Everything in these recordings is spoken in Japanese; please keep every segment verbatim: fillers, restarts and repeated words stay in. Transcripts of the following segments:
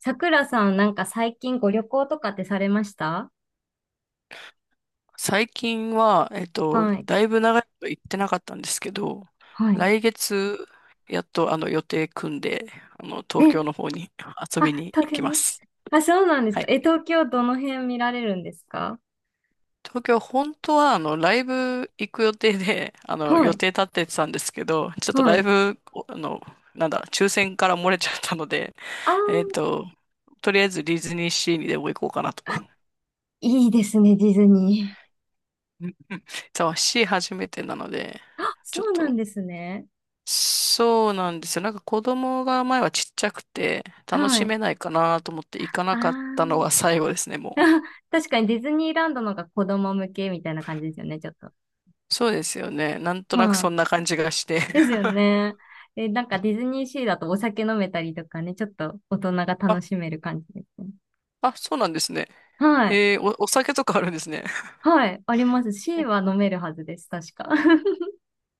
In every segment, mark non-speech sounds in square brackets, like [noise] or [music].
さくらさん、なんか最近ご旅行とかってされました？最近は、えっと、はい。だいぶ長いこと行ってなかったんですけど、はい。来月、やっとあの予定組んで、あの、え、東京の方に [laughs] 遊あ、びに東行京きまに。す。あ、そうなんですはか。い。え、東京どの辺見られるんですか？東京、本当はあの、ライブ行く予定で、あの、は予い。定立っててたんですけど、ちょっとはライい。ブ、おあの、なんだ、抽選から漏れちゃったので、あー、えっと、とりあえずディズニーシーにでも行こうかなと。いいですね、ディズニ [laughs] そう、シー初めてなので、ー。あ、ちそょっうなんと、ですね。そうなんですよ。なんか子供が前はちっちゃくて楽はしい。めないかなと思って行かあなかったのー、が最後ですね、も [laughs] う。あ、確かにディズニーランドの方が子供向けみたいな感じですよね、ちょっと。そうですよね。なんとなくはそい。んな感じがして。です [laughs] よね。え、なんかディズニーシーだとお酒飲めたりとかね、ちょっと大人が楽あ、しめる感じですね。あ、そうなんですね。はい。へえ、お、お酒とかあるんですね。はい、あります。C えは飲めるはずです、確か。[laughs]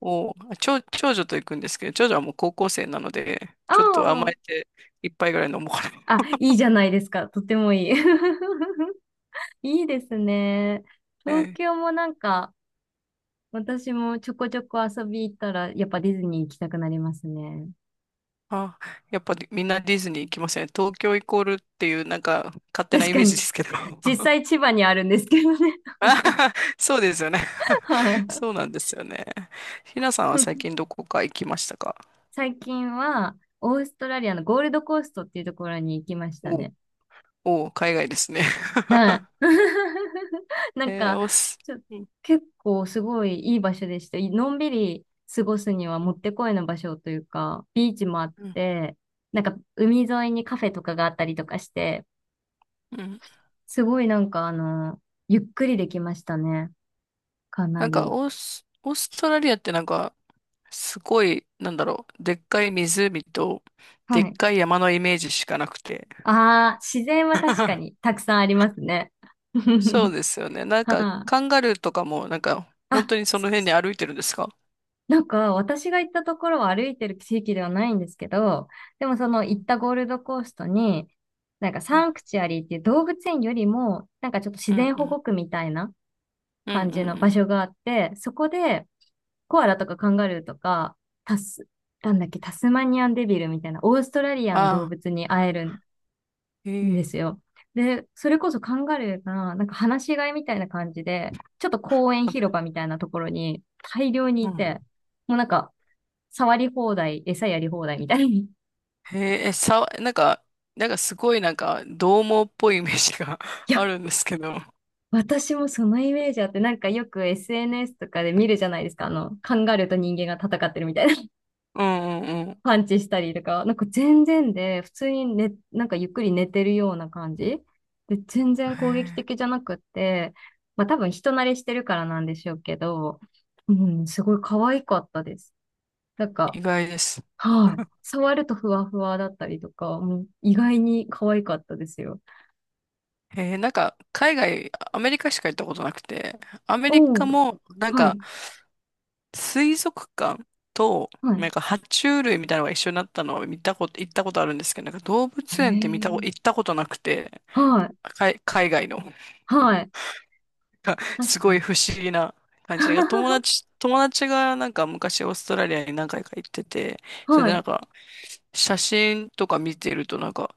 お、あ長、長女と行くんですけど、長女はもう高校生なので、あちょっと甘あ。えて一杯ぐらい飲もうかな。あ、いいじゃないですか。とてもいい。[laughs] いいですね。え東え、京もなんか、私もちょこちょこ遊び行ったら、やっぱディズニー行きたくなりますね。あ、やっぱりみんなディズニー行きません。東京イコールっていうなんか勝手な確イかメージに。ですけど。実 [laughs] 際千葉にあるんですけどね。[laughs] あはは、そうですよね。[laughs] はい。[laughs] そうなんですよね。ひなさんは最近 [laughs] どこか行きましたか？最近は、オーストラリアのゴールドコーストっていうところに行きましたおう、ね。おう、海外ですね。はい。[laughs] な [laughs] んえー、か、オース、ちょ、うん、結構すごいいい場所でした。のんびり過ごすにはうもん、ってこいの場所というか、ビーチもあっうん、て、なんか海沿いにカフェとかがあったりとかして、うん。すごいなんかあの、ゆっくりできましたね。かななんかり。オース、オーストラリアってなんか、すごい、なんだろう、でっかい湖と、はでっい。かい山のイメージしかなくて。ああ、自然は確かに [laughs] たくさんありますね。そう [laughs] ですよね。なんか、はい。カンガルーとかも、なんか、本あ、当にそその辺にう、歩いてるんですか？なんか、私が行ったところは歩いてる地域ではないんですけど、でもそのう行っん、たゴールドコーストに、なんかうサん、ンクチュアリーっていう動物園よりも、なんかちょっと自うん、然う保ん、護区みたいなうん、うん、う感じの場ん。所があって、そこでコアラとかカンガルーとか、タス、なんだっけ、タスマニアンデビルみたいな、オーストラリアあの動あ、物に会えるんえですよ。で、それこそカンガルーが、なんか放し飼いみたいな感じで、ちょっと公園広場みたいなところに大量にいて、え。もうなんか、触り放題、餌やり放題みたいに。へえ、えさ、なんか、なんかすごいなんか、獰猛っぽいイメージが [laughs] い [laughs] や、あるんですけど。私もそのイメージあって、なんかよく エスエヌエス とかで見るじゃないですか。あの、カンガルーと人間が戦ってるみたいなうん、うん、うん。パンチしたりとか、なんか全然で、普通にね、なんかゆっくり寝てるような感じ。で、全然攻撃的じゃなくって、まあ多分人慣れしてるからなんでしょうけど、うん、すごい可愛かったです。なんか、意外です。はい。触るとふわふわだったりとか、もう意外に可愛かったですよ。へえ、なんか、海外、アメリカしか行ったことなくて、アメリおカお、も、なんはか、い、水族館と、はい。なんか、爬虫類みたいなのが一緒になったのを見たこと、行ったことあるんですけど、なんか動物園って見たこ、え行え、ったことなくて、はい、海、海外の。はい。[laughs] なんか確すかごいに。不思議な感じが、友 [laughs] 達、友達がなんか昔オーストラリアに何回か行ってて、それはでなんい。か写真とか見てるとなんか、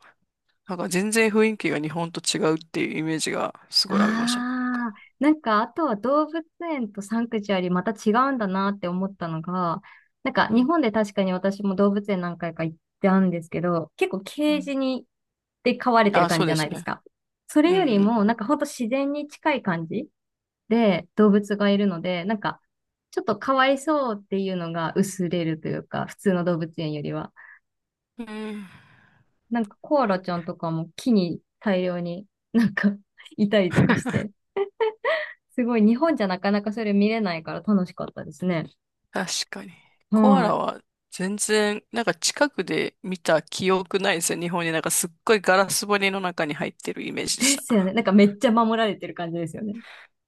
なんか全然雰囲気が日本と違うっていうイメージがすごいありましたね。なんか、ああ、なんか、あとは動物園とサンクチュアリまた違うんだなって思ったのが、なんか、う日ん。本で確かに私も動物園何回か行ったんですけど、結構うケーん。ジに、で飼われてるあ、感そじうじゃでなすいですね。か。それうよりん。も、なんかほんと自然に近い感じで動物がいるので、なんか、ちょっとかわいそうっていうのが薄れるというか、普通の動物園よりは。うん。なんかコアラちゃんとかも木に大量になんか [laughs] いたりとかして、すごい、日本じゃなかなかそれ見れないから楽しかったですね。確かに。コアはラは全然、なんか近くで見た記憶ないですよ。日本になんかすっごいガラス張りの中に入ってるイメージでい。しですよた。ね。なんかめっちゃ守られてる感じですよね。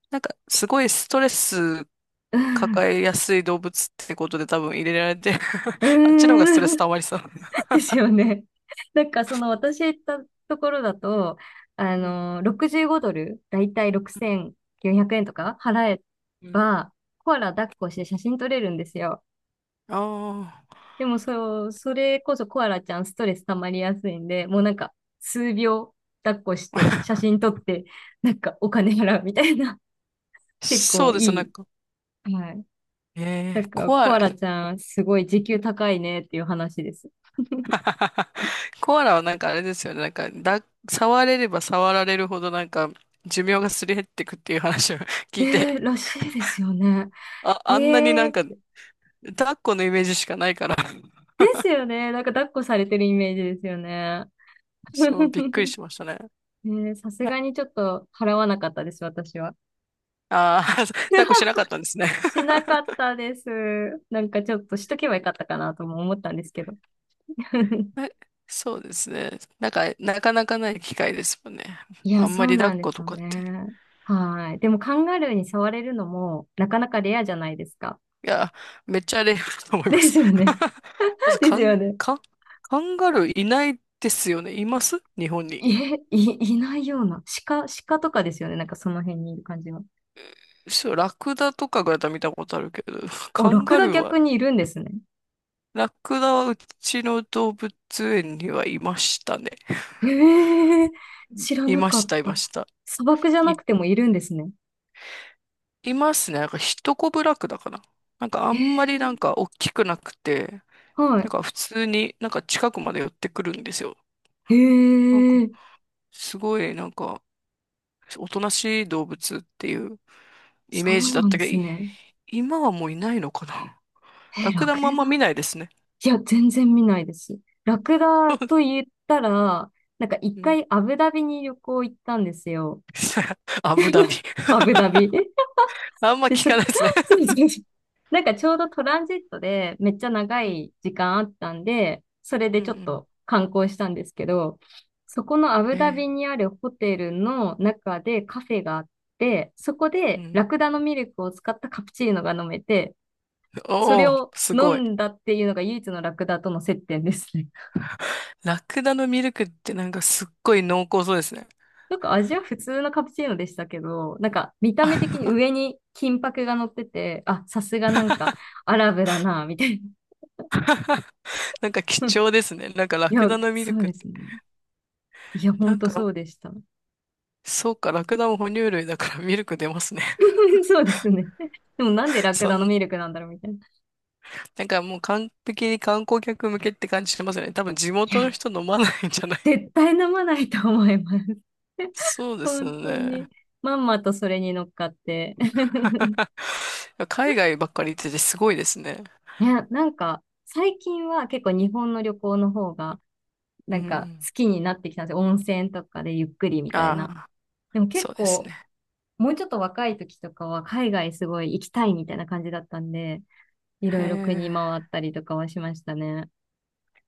なんかすごいストレスうん。抱えやすい動物ってことで多分入れられてる。 う [laughs] あっちの方がストレスーん。溜まりそう。[laughs] ですよね。なんかその私行ったところだと、あうん、の、ろくじゅうごドルドル、だいたいうん、ろくせんきゅうひゃくえんとか払えうん。ば、コアラ抱っこして写真撮れるんですよ。ああ。でもそう、それこそコアラちゃんストレス溜まりやすいんで、もうなんか数秒抱っこして写真撮って、なんかお金払うみたいな、 [laughs] 結そ構うです、いなんか。い。はい。なえんー、か、コアコラ、アラちゃん、すごい時給高いねっていう話です。[laughs] コアラはなんかあれですよね。なんか、だ、触れれば触られるほどなんか、寿命がすり減ってくっていう話を [laughs] 聞いて、で、らしいですよね。あ、あんなになえんか、ー、抱っこのイメージしかないから、ですよね。なんか、抱っこされてるイメージですよね。そう、びっくり [laughs] しましたね。ねえ、さすがにちょっと払わなかったです、私は。ああー、[laughs] 抱っこしなかったんです [laughs] ね。しなかったです。なんかちょっとしとけばよかったかなとも思ったんですけど。[laughs] え、[laughs] そうですね。なんか、なかなかない機会ですもんね。いあや、んそまうり抱なっんでこすとよかって。いね。はい。でもカンガルーに触れるのもなかなかレアじゃないですか。や、めっちゃレアだと思いまです。すよね。[laughs] ま [laughs] ず、でカすよン、ね。カン、カンガルーいないですよね。います日本に？え、い、[laughs] いないような。鹿、鹿とかですよね。なんかその辺にいる感じは。そう、ラクダとかぐらいだったら見たことあるけど、[laughs] お、カランクガダルーは、逆にいるんですね。ラクダはうちの動物園にはいましたね。へえ、知らいなまかしった、いまた。した。砂漠じゃい、なくてもいるんですね。いますね。なんか、ヒトコブラクダかな。なんか、あへんまりなえ、んか、大きくなくて、なはんか普通になんか近くまで寄ってくるんですよ。い。へなんかえ、すごいなんかおとなしい動物っていうイそメーうジだなっんたでけど、すいね。今はもういないのかな。[laughs] え、ラクラダクもあダ、んま見ないですね。いや、全然見ないです。ラクダと言ったら、なんか一うん。回アブダビに旅行行ったんですよ。[laughs] アブダビ。アブダビ。[laughs] あんまで、聞そ、かないですね。[laughs] そうそうそう。[laughs] なんかちょうどトランジットでめっちゃ長うん。い時間あったんで、それでうちょっん。と観光したんですけど、そこのアブうん。ダえビー、にあるホテルの中でカフェがあって、そこうでん。ラクダのミルクを使ったカプチーノが飲めて、そおれお、をす飲ごい。んだっていうのが唯一のラクダとの接点ですね。[laughs] ラクダのミルクってなんかすっごい濃厚そうですね。なんか味は普通のカプチーノでしたけど、なんか見た目的に [laughs] 上に金箔が乗ってて、あ、さすがなんかアラブだな、みたいな。なんか貴重 [laughs] ですね。なんかラいクや、ダのミルそうクっですて。ね。いや、ほなんんとか、そうでした。[laughs] そうか、ラクダも哺乳類だからミルク出ますね。そうですね。[laughs] でもなんで [laughs] ラクそダのん、ミルクなんだろうみたいな。なんかもう完璧に観光客向けって感じしてますよね。多分地い元のや、人飲まないんじゃない？ 絶対飲まないと思います。[laughs] [laughs] そうですよ本当に。ね。まんまとそれに乗っかって。[laughs] [laughs] 海外ばっかり行っててすごいですね。いや、なんか、最近は結構日本の旅行の方が、うなんかん。好きになってきたんですよ。温泉とかでゆっくりみたいな。ああ、でも結そうです構、ね。もうちょっと若い時とかは海外すごい行きたいみたいな感じだったんで、いへろいろえ。国回ったりとかはしましたね。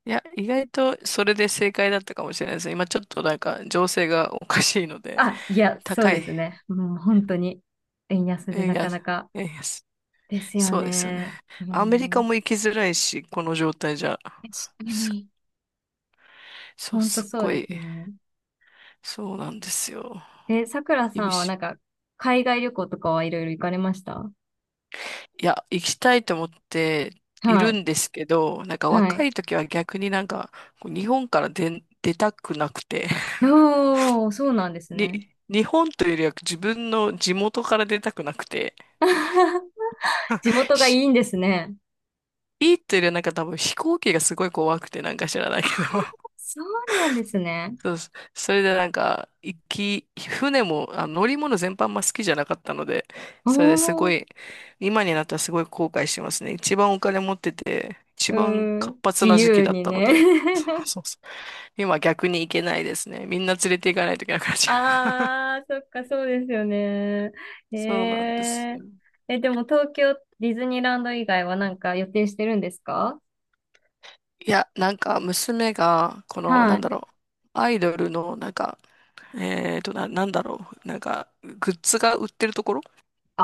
いや、意外とそれで正解だったかもしれないですね。今ちょっとなんか情勢がおかしいので、あ、いや、そう高でい。すね。もう本当に、円安でえいなや、かなかえいや、すですよそうですよね。ね。うアメリカん、も行きづらいし、この状態じゃ。確かすに。そう、本当すっそうごでい、すね。そうなんですよ。え、さくらさ厳んはしない。んか、海外旅行とかはいろいろ行かれました？いや、行きたいと思っていはるい。んですけど、なんかは若い。い時は逆になんか、こう日本から出、出たくなくて、[laughs] おー、そうなんですに、ね。日本というよりは自分の地元から出たくなくて、[laughs] 地 [laughs] 元がいしいんですね。いいというよりはなんか多分飛行機がすごい怖くてなんか知らないけど、そうなんですね。そうです。それでなんか、行き、船も、あ、乗り物全般も好きじゃなかったので、おそれですごー、い、今になったらすごい後悔してますね。一番お金持ってて、一う番ーん、活発自な時期由だっにたのね。で、[laughs] そう、 [laughs] そう、そう。今逆に行けないですね。みんな連れて行かないといけなくなっちゃう。ああ、そっか、そうですよね。[laughs] へそうなんですえ。よ。え、でも東京ディズニーランド以外はなんか予定してるんですか？いや、なんか娘が、この、はなんい。だろう、アイドルの、なんか、えーと、な、なんだろう、なんか、グッズが売ってるところあ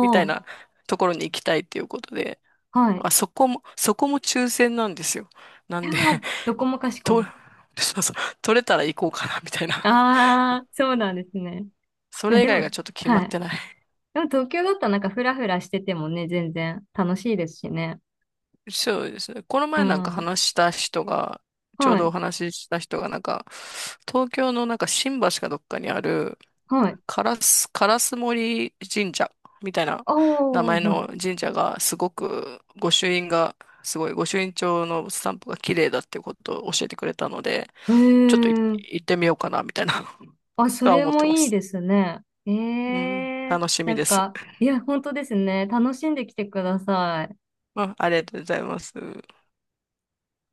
みたいなところに行きたいっていうことで、はい。あ、そこも、そこも抽選なんですよ。ないんやで、ー、どこもか [laughs] しこと、も。そうそう、取れたら行こうかな、みたいな。ああ、そうなんですね。そえれ以で外も、がちょっと決まはっい。てない。でも東京だったらなんかフラフラしててもね、全然楽しいですしね。そうですね。このう前なんかん。話した人が、ちょうはどおい。話しした人がなんか、東京のなんか新橋かどっかにある、はい。カラス、烏森神社みたいなああ、名前はい。の神社がすごく御朱印がすごい御朱印帳のスタンプが綺麗だっていうことを教えてくれたので、へちょっといえ。行ってみようかなみたいな あ、[laughs] そとはれ思っもてまいいす。ですね。えうん、え、楽しなみんです。か、いや、本当ですね。楽しんできてください。うん、ありがとうございます。